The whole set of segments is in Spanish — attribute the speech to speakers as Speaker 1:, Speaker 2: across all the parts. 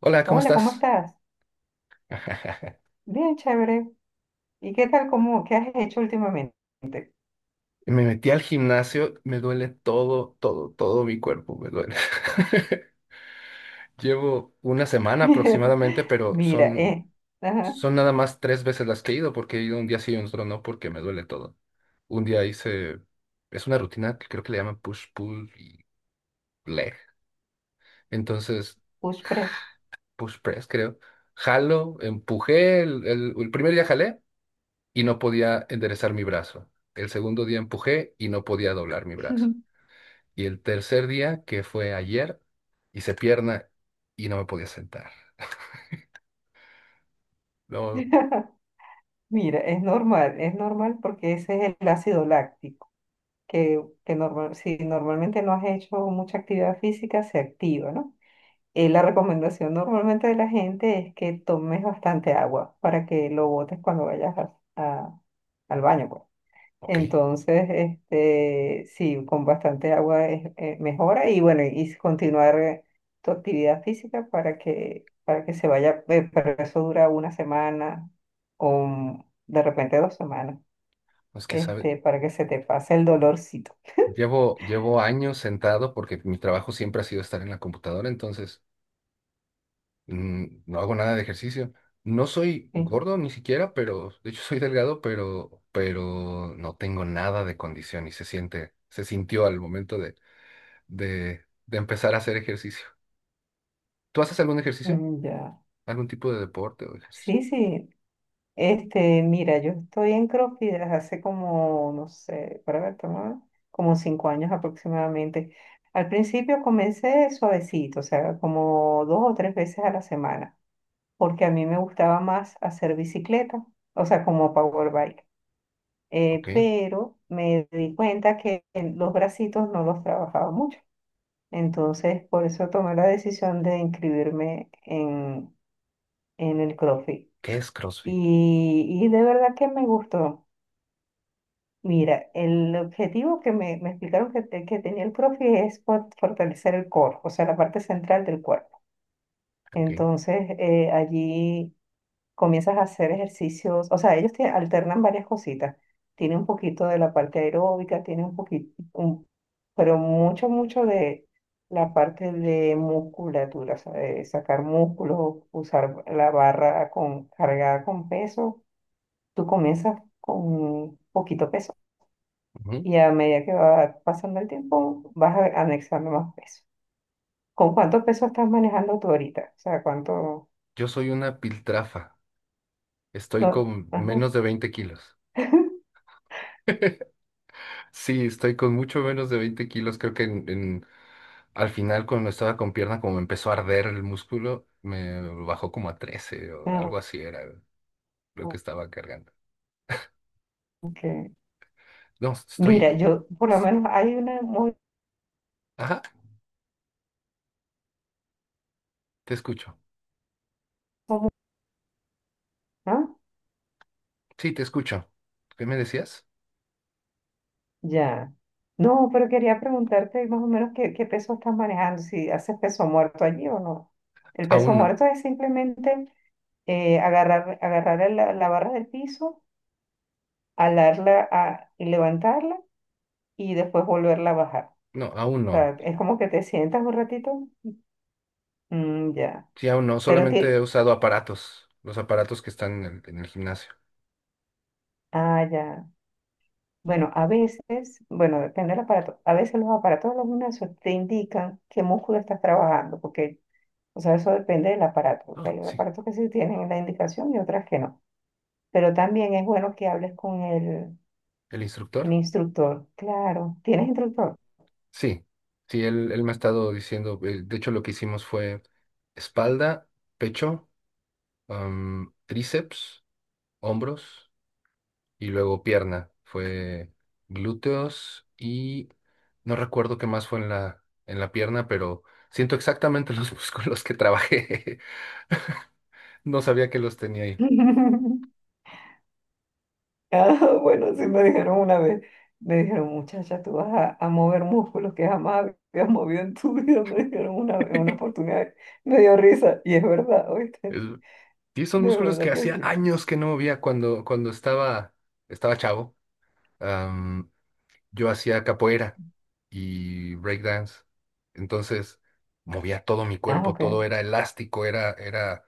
Speaker 1: Hola, ¿cómo
Speaker 2: Hola, ¿cómo
Speaker 1: estás?
Speaker 2: estás? Bien, chévere. ¿Y qué tal, qué has hecho últimamente?
Speaker 1: Me metí al gimnasio, me duele todo mi cuerpo, me duele. Llevo una semana aproximadamente,
Speaker 2: Mira, ajá,
Speaker 1: son nada más tres veces las que he ido, porque he ido un día sí y otro no, porque me duele todo. Un día hice, es una rutina que creo que le llaman push, pull y leg. Entonces,
Speaker 2: push press.
Speaker 1: push press, creo. Jalo, empujé, el primer día jalé y no podía enderezar mi brazo. El segundo día empujé y no podía doblar mi brazo. Y el tercer día, que fue ayer, hice pierna y no me podía sentar. Luego,
Speaker 2: Mira, es normal porque ese es el ácido láctico, que normal, si normalmente no has hecho mucha actividad física, se activa, ¿no? La recomendación normalmente de la gente es que tomes bastante agua para que lo botes cuando vayas al baño, pues.
Speaker 1: ok,
Speaker 2: Entonces, este, sí, con bastante agua mejora y bueno, y continuar tu actividad física para que se vaya, pero eso dura una semana o de repente dos semanas,
Speaker 1: no es que, ¿sabes?
Speaker 2: este, para que se te pase el dolorcito.
Speaker 1: Llevo años sentado porque mi trabajo siempre ha sido estar en la computadora, entonces no hago nada de ejercicio. No soy
Speaker 2: ¿Sí?
Speaker 1: gordo ni siquiera, pero de hecho soy delgado, pero no tengo nada de condición y se se sintió al momento de empezar a hacer ejercicio. ¿Tú haces algún ejercicio?
Speaker 2: Ya.
Speaker 1: ¿Algún tipo de deporte o ejercicio?
Speaker 2: Sí, sí, Este, mira, yo estoy en CrossFit desde hace como, no sé, para ver, toma, como cinco años aproximadamente. Al principio comencé suavecito, o sea, como dos o tres veces a la semana, porque a mí me gustaba más hacer bicicleta, o sea, como power bike.
Speaker 1: Ok.
Speaker 2: Pero me di cuenta que en los bracitos no los trabajaba mucho. Entonces, por eso tomé la decisión de en el CrossFit.
Speaker 1: ¿Qué es CrossFit?
Speaker 2: Y de verdad que me gustó. Mira, el objetivo que me explicaron que tenía el profe es fortalecer el core, o sea, la parte central del cuerpo.
Speaker 1: Ok.
Speaker 2: Entonces, allí comienzas a hacer ejercicios, o sea, ellos te alternan varias cositas. Tiene un poquito de la parte aeróbica, tiene un poquito, pero mucho, mucho de la parte de musculatura, o sea, de sacar músculos, usar la barra cargada con peso. Tú comienzas con poquito peso
Speaker 1: Ujú.
Speaker 2: y a medida que va pasando el tiempo, anexando más peso. ¿Con cuánto peso estás manejando tú ahorita? O sea, ¿cuánto?
Speaker 1: Yo soy una piltrafa. Estoy
Speaker 2: No.
Speaker 1: con
Speaker 2: Ajá.
Speaker 1: menos de 20 kilos. Sí, estoy con mucho menos de 20 kilos. Creo que al final, cuando estaba con pierna, como me empezó a arder el músculo, me bajó como a 13 o
Speaker 2: Ah,
Speaker 1: algo así era lo que estaba cargando.
Speaker 2: ok.
Speaker 1: No, estoy.
Speaker 2: Mira, yo por lo menos hay una muy...
Speaker 1: Ajá, te escucho.
Speaker 2: ¿Ah?
Speaker 1: Sí, te escucho. ¿Qué me decías?
Speaker 2: Ya. No, pero quería preguntarte más o menos qué peso estás manejando, si haces peso muerto allí o no. El peso
Speaker 1: Aún no.
Speaker 2: muerto es simplemente agarrar la barra del piso, y levantarla y después volverla a bajar.
Speaker 1: No, aún
Speaker 2: Sea,
Speaker 1: no.
Speaker 2: es como que te sientas un ratito. Ya.
Speaker 1: Sí, aún no.
Speaker 2: Pero
Speaker 1: Solamente he
Speaker 2: ti,
Speaker 1: usado aparatos. Los aparatos que están en el gimnasio.
Speaker 2: ya. Bueno, a veces, bueno, depende del aparato. A veces los aparatos de los gimnasios te indican qué músculo estás trabajando, porque, o sea, eso depende del aparato, porque
Speaker 1: Ah,
Speaker 2: hay
Speaker 1: sí.
Speaker 2: aparatos que sí tienen la indicación y otras que no. Pero también es bueno que hables con
Speaker 1: ¿El
Speaker 2: el
Speaker 1: instructor?
Speaker 2: instructor. Claro, ¿tienes instructor?
Speaker 1: Sí, sí, él me ha estado diciendo, de hecho lo que hicimos fue espalda, pecho, tríceps, hombros y luego pierna. Fue glúteos y no recuerdo qué más fue en en la pierna, pero siento exactamente los músculos que trabajé. No sabía que los tenía ahí.
Speaker 2: Bueno, sí me dijeron una vez, me dijeron, muchacha, tú a mover músculos que jamás habías movido en tu vida, me dijeron una oportunidad, me dio risa, y es verdad, ¿oíste?
Speaker 1: El- y son
Speaker 2: De
Speaker 1: músculos que
Speaker 2: verdad que
Speaker 1: hacía
Speaker 2: sí.
Speaker 1: años que no movía cuando estaba chavo. Yo hacía capoeira y breakdance. Entonces movía todo mi
Speaker 2: Ah,
Speaker 1: cuerpo,
Speaker 2: ok,
Speaker 1: todo era elástico,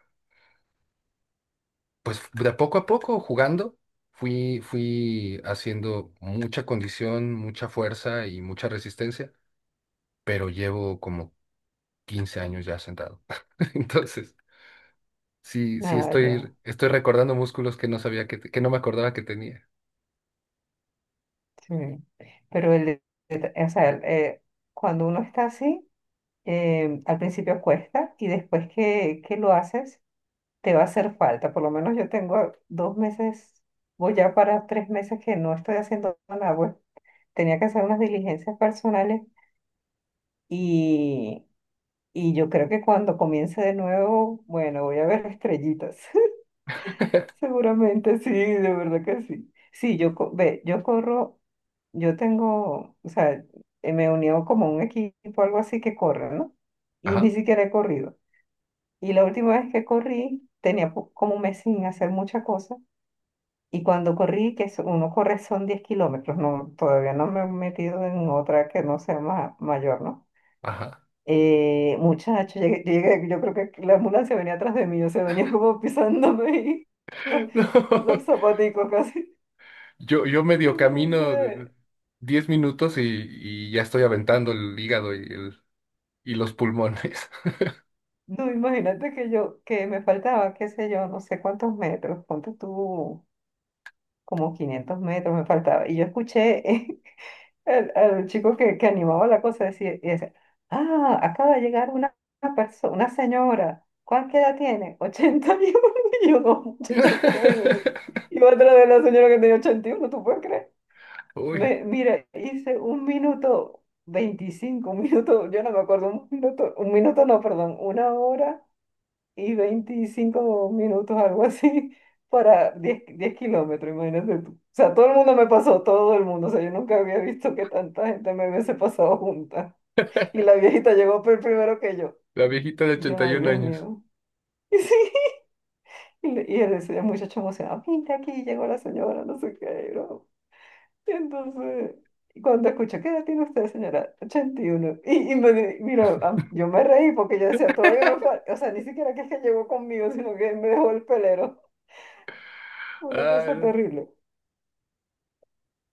Speaker 1: pues de poco a poco jugando, fui haciendo mucha condición, mucha fuerza y mucha resistencia, pero llevo como 15 años ya sentado. Entonces, sí,
Speaker 2: nada, ya,
Speaker 1: estoy recordando músculos que no sabía que no me acordaba que tenía.
Speaker 2: sí. Pero el, o sea, el, Cuando uno está así, al principio cuesta, y después que lo haces, te va a hacer falta. Por lo menos yo tengo 2 meses, voy ya para 3 meses que no estoy haciendo nada. Pues tenía que hacer unas diligencias personales y, y yo creo que cuando comience de nuevo, bueno, voy a ver estrellitas. Seguramente sí, de verdad que sí. Sí, yo corro, yo tengo, o sea, me unió como un equipo, algo así que corre, ¿no? Y ni
Speaker 1: Ajá,
Speaker 2: siquiera he corrido. Y la última vez que corrí, tenía como un mes sin hacer muchas cosas. Y cuando corrí, uno corre son 10 kilómetros, no, todavía no me he metido en otra que no sea mayor, ¿no?
Speaker 1: ajá.
Speaker 2: Muchacho, llegué, yo creo que la ambulancia venía atrás de mí, o sea, venía como pisándome y los, los
Speaker 1: No.
Speaker 2: zapaticos casi.
Speaker 1: Yo medio camino de-
Speaker 2: Entonces,
Speaker 1: 10 minutos y ya estoy aventando el hígado y y los pulmones.
Speaker 2: no, imagínate que yo, que me faltaba, qué sé yo, no sé cuántos metros, ponte tú como 500 metros me faltaba. Y yo escuché. El chico que animaba la cosa decía, ah, acaba de llegar persona, una señora, ¿cuánta edad tiene? 81. Y yo, no, muchacha, yo voy, voy". Y otra de la señora que tenía 81, ¿tú puedes creer?
Speaker 1: Uy,
Speaker 2: Mira, hice un minuto 25 un minuto, yo no me acuerdo, un minuto no, perdón, 1 hora y 25 minutos, algo así, para 10 kilómetros, imagínate tú. O sea, todo el mundo me pasó, todo el mundo. O sea, yo nunca había visto que tanta gente me hubiese pasado junta. Y la viejita llegó primero que yo.
Speaker 1: la viejita de
Speaker 2: Y yo, ay,
Speaker 1: 81
Speaker 2: Dios
Speaker 1: años.
Speaker 2: mío. Y sí, y él decía, el muchacho emocionado, mira aquí, llegó la señora, no sé qué, ¿no? Y entonces, y cuando escuché, ¿qué edad tiene usted, señora? 81. Y, uno. Mira, yo me reí porque yo decía, todavía me falta, o sea, ni siquiera que es que llegó conmigo, sino que me dejó el pelero. Una cosa
Speaker 1: Ay,
Speaker 2: terrible.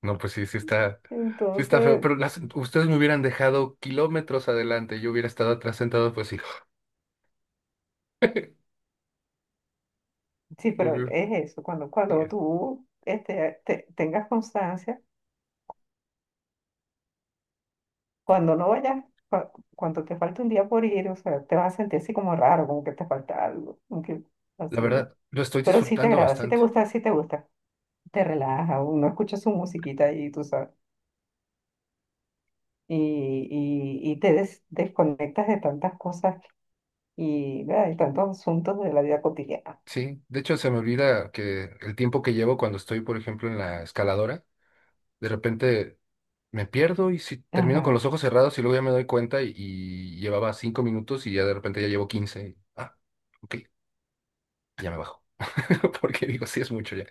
Speaker 1: no, pues sí, sí está feo,
Speaker 2: Entonces,
Speaker 1: pero las, ustedes me hubieran dejado kilómetros adelante, yo hubiera estado atrás sentado, pues sí.
Speaker 2: sí, pero es eso, cuando
Speaker 1: Eh,
Speaker 2: tú este, tengas constancia, cuando no vayas, cuando te falta un día por ir, o sea, te vas a sentir así como raro, como que te falta algo, como que
Speaker 1: La
Speaker 2: así. ¿Eh?
Speaker 1: verdad, lo estoy
Speaker 2: Pero sí te
Speaker 1: disfrutando
Speaker 2: agrada, sí te
Speaker 1: bastante.
Speaker 2: gusta, sí te gusta. Te relaja, uno escucha su musiquita y tú sabes. Y, y te desconectas de tantas cosas ¿verdad? Y tantos asuntos de la vida cotidiana.
Speaker 1: Sí, de hecho se me olvida que el tiempo que llevo cuando estoy, por ejemplo, en la escaladora, de repente me pierdo y si termino con
Speaker 2: Ajá,
Speaker 1: los ojos cerrados y luego ya me doy cuenta y llevaba 5 minutos y ya de repente ya llevo 15. Ah, ok, ya me bajo. Porque digo, sí es mucho ya.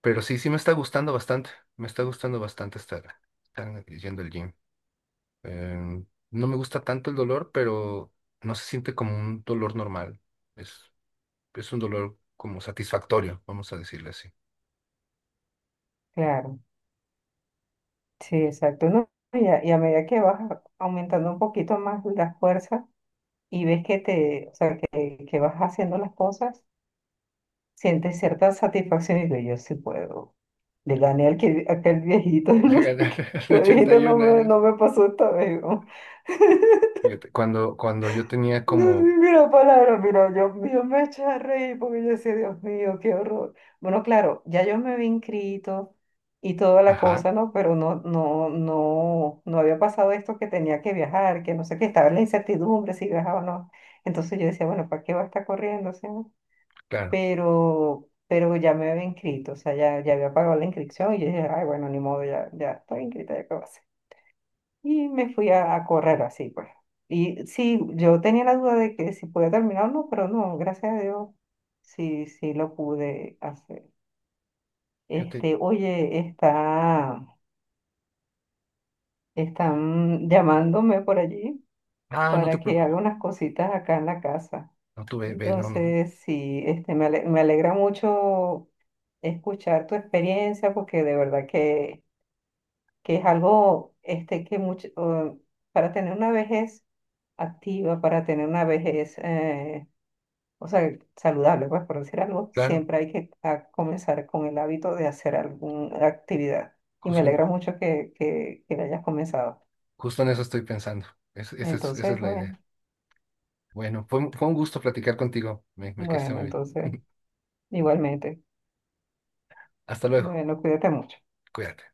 Speaker 1: Pero sí, sí me está gustando bastante. Me está gustando bastante estar yendo al gym. Em, no me gusta tanto el dolor, pero no se siente como un dolor normal. Es, es un dolor como satisfactorio, vamos a decirle así.
Speaker 2: claro. Sí, exacto. ¿No? Y y a medida que aumentando un poquito más la fuerza y ves que que vas haciendo las cosas, sientes cierta satisfacción y dices, yo sí puedo. Le gané al aquel viejito,
Speaker 1: A
Speaker 2: no sé
Speaker 1: ganar
Speaker 2: qué.
Speaker 1: a los
Speaker 2: El viejito
Speaker 1: 81 años.
Speaker 2: no me pasó esta vez. ¿No?
Speaker 1: Fíjate, cuando yo tenía
Speaker 2: No sé
Speaker 1: como...
Speaker 2: ni la palabra, mira, yo me eché a reír porque yo decía, Dios mío, qué horror. Bueno, claro, ya yo me había inscrito y toda la
Speaker 1: Ajá,
Speaker 2: cosa, ¿no? Pero no había pasado esto que tenía que viajar, que no sé qué, estaba en la incertidumbre si viajaba o no. Entonces yo decía, bueno, ¿para qué va a estar corriendo? O sea,
Speaker 1: claro.
Speaker 2: pero ya me había inscrito, o sea, ya había pagado la inscripción y yo dije, ay, bueno, ni modo, ya, ya estoy inscrita, ¿ya qué va a hacer? Y me fui a correr así, pues. Y sí, yo tenía la duda de que si podía terminar o no, pero no, gracias a Dios, sí, sí lo pude hacer.
Speaker 1: Fíjate,
Speaker 2: Oye, está, están llamándome por allí
Speaker 1: ah, no te
Speaker 2: para que
Speaker 1: preocupes.
Speaker 2: haga unas cositas acá en la casa.
Speaker 1: No, tú ve, ve, no, no.
Speaker 2: Entonces, sí, este, me alegra mucho escuchar tu experiencia porque de verdad que es algo este, que mucho, para tener una vejez activa, para tener una vejez, o sea, saludable, pues por decir algo,
Speaker 1: Claro,
Speaker 2: siempre hay que comenzar con el hábito de hacer alguna actividad. Y me
Speaker 1: justo en,
Speaker 2: alegra mucho que la hayas comenzado.
Speaker 1: justo en eso estoy pensando. Esa es
Speaker 2: Entonces,
Speaker 1: la
Speaker 2: bueno,
Speaker 1: idea. Bueno, fue un gusto platicar contigo. Me quedé
Speaker 2: bueno,
Speaker 1: muy bien.
Speaker 2: entonces, igualmente.
Speaker 1: Hasta luego.
Speaker 2: Bueno, cuídate mucho.
Speaker 1: Cuídate.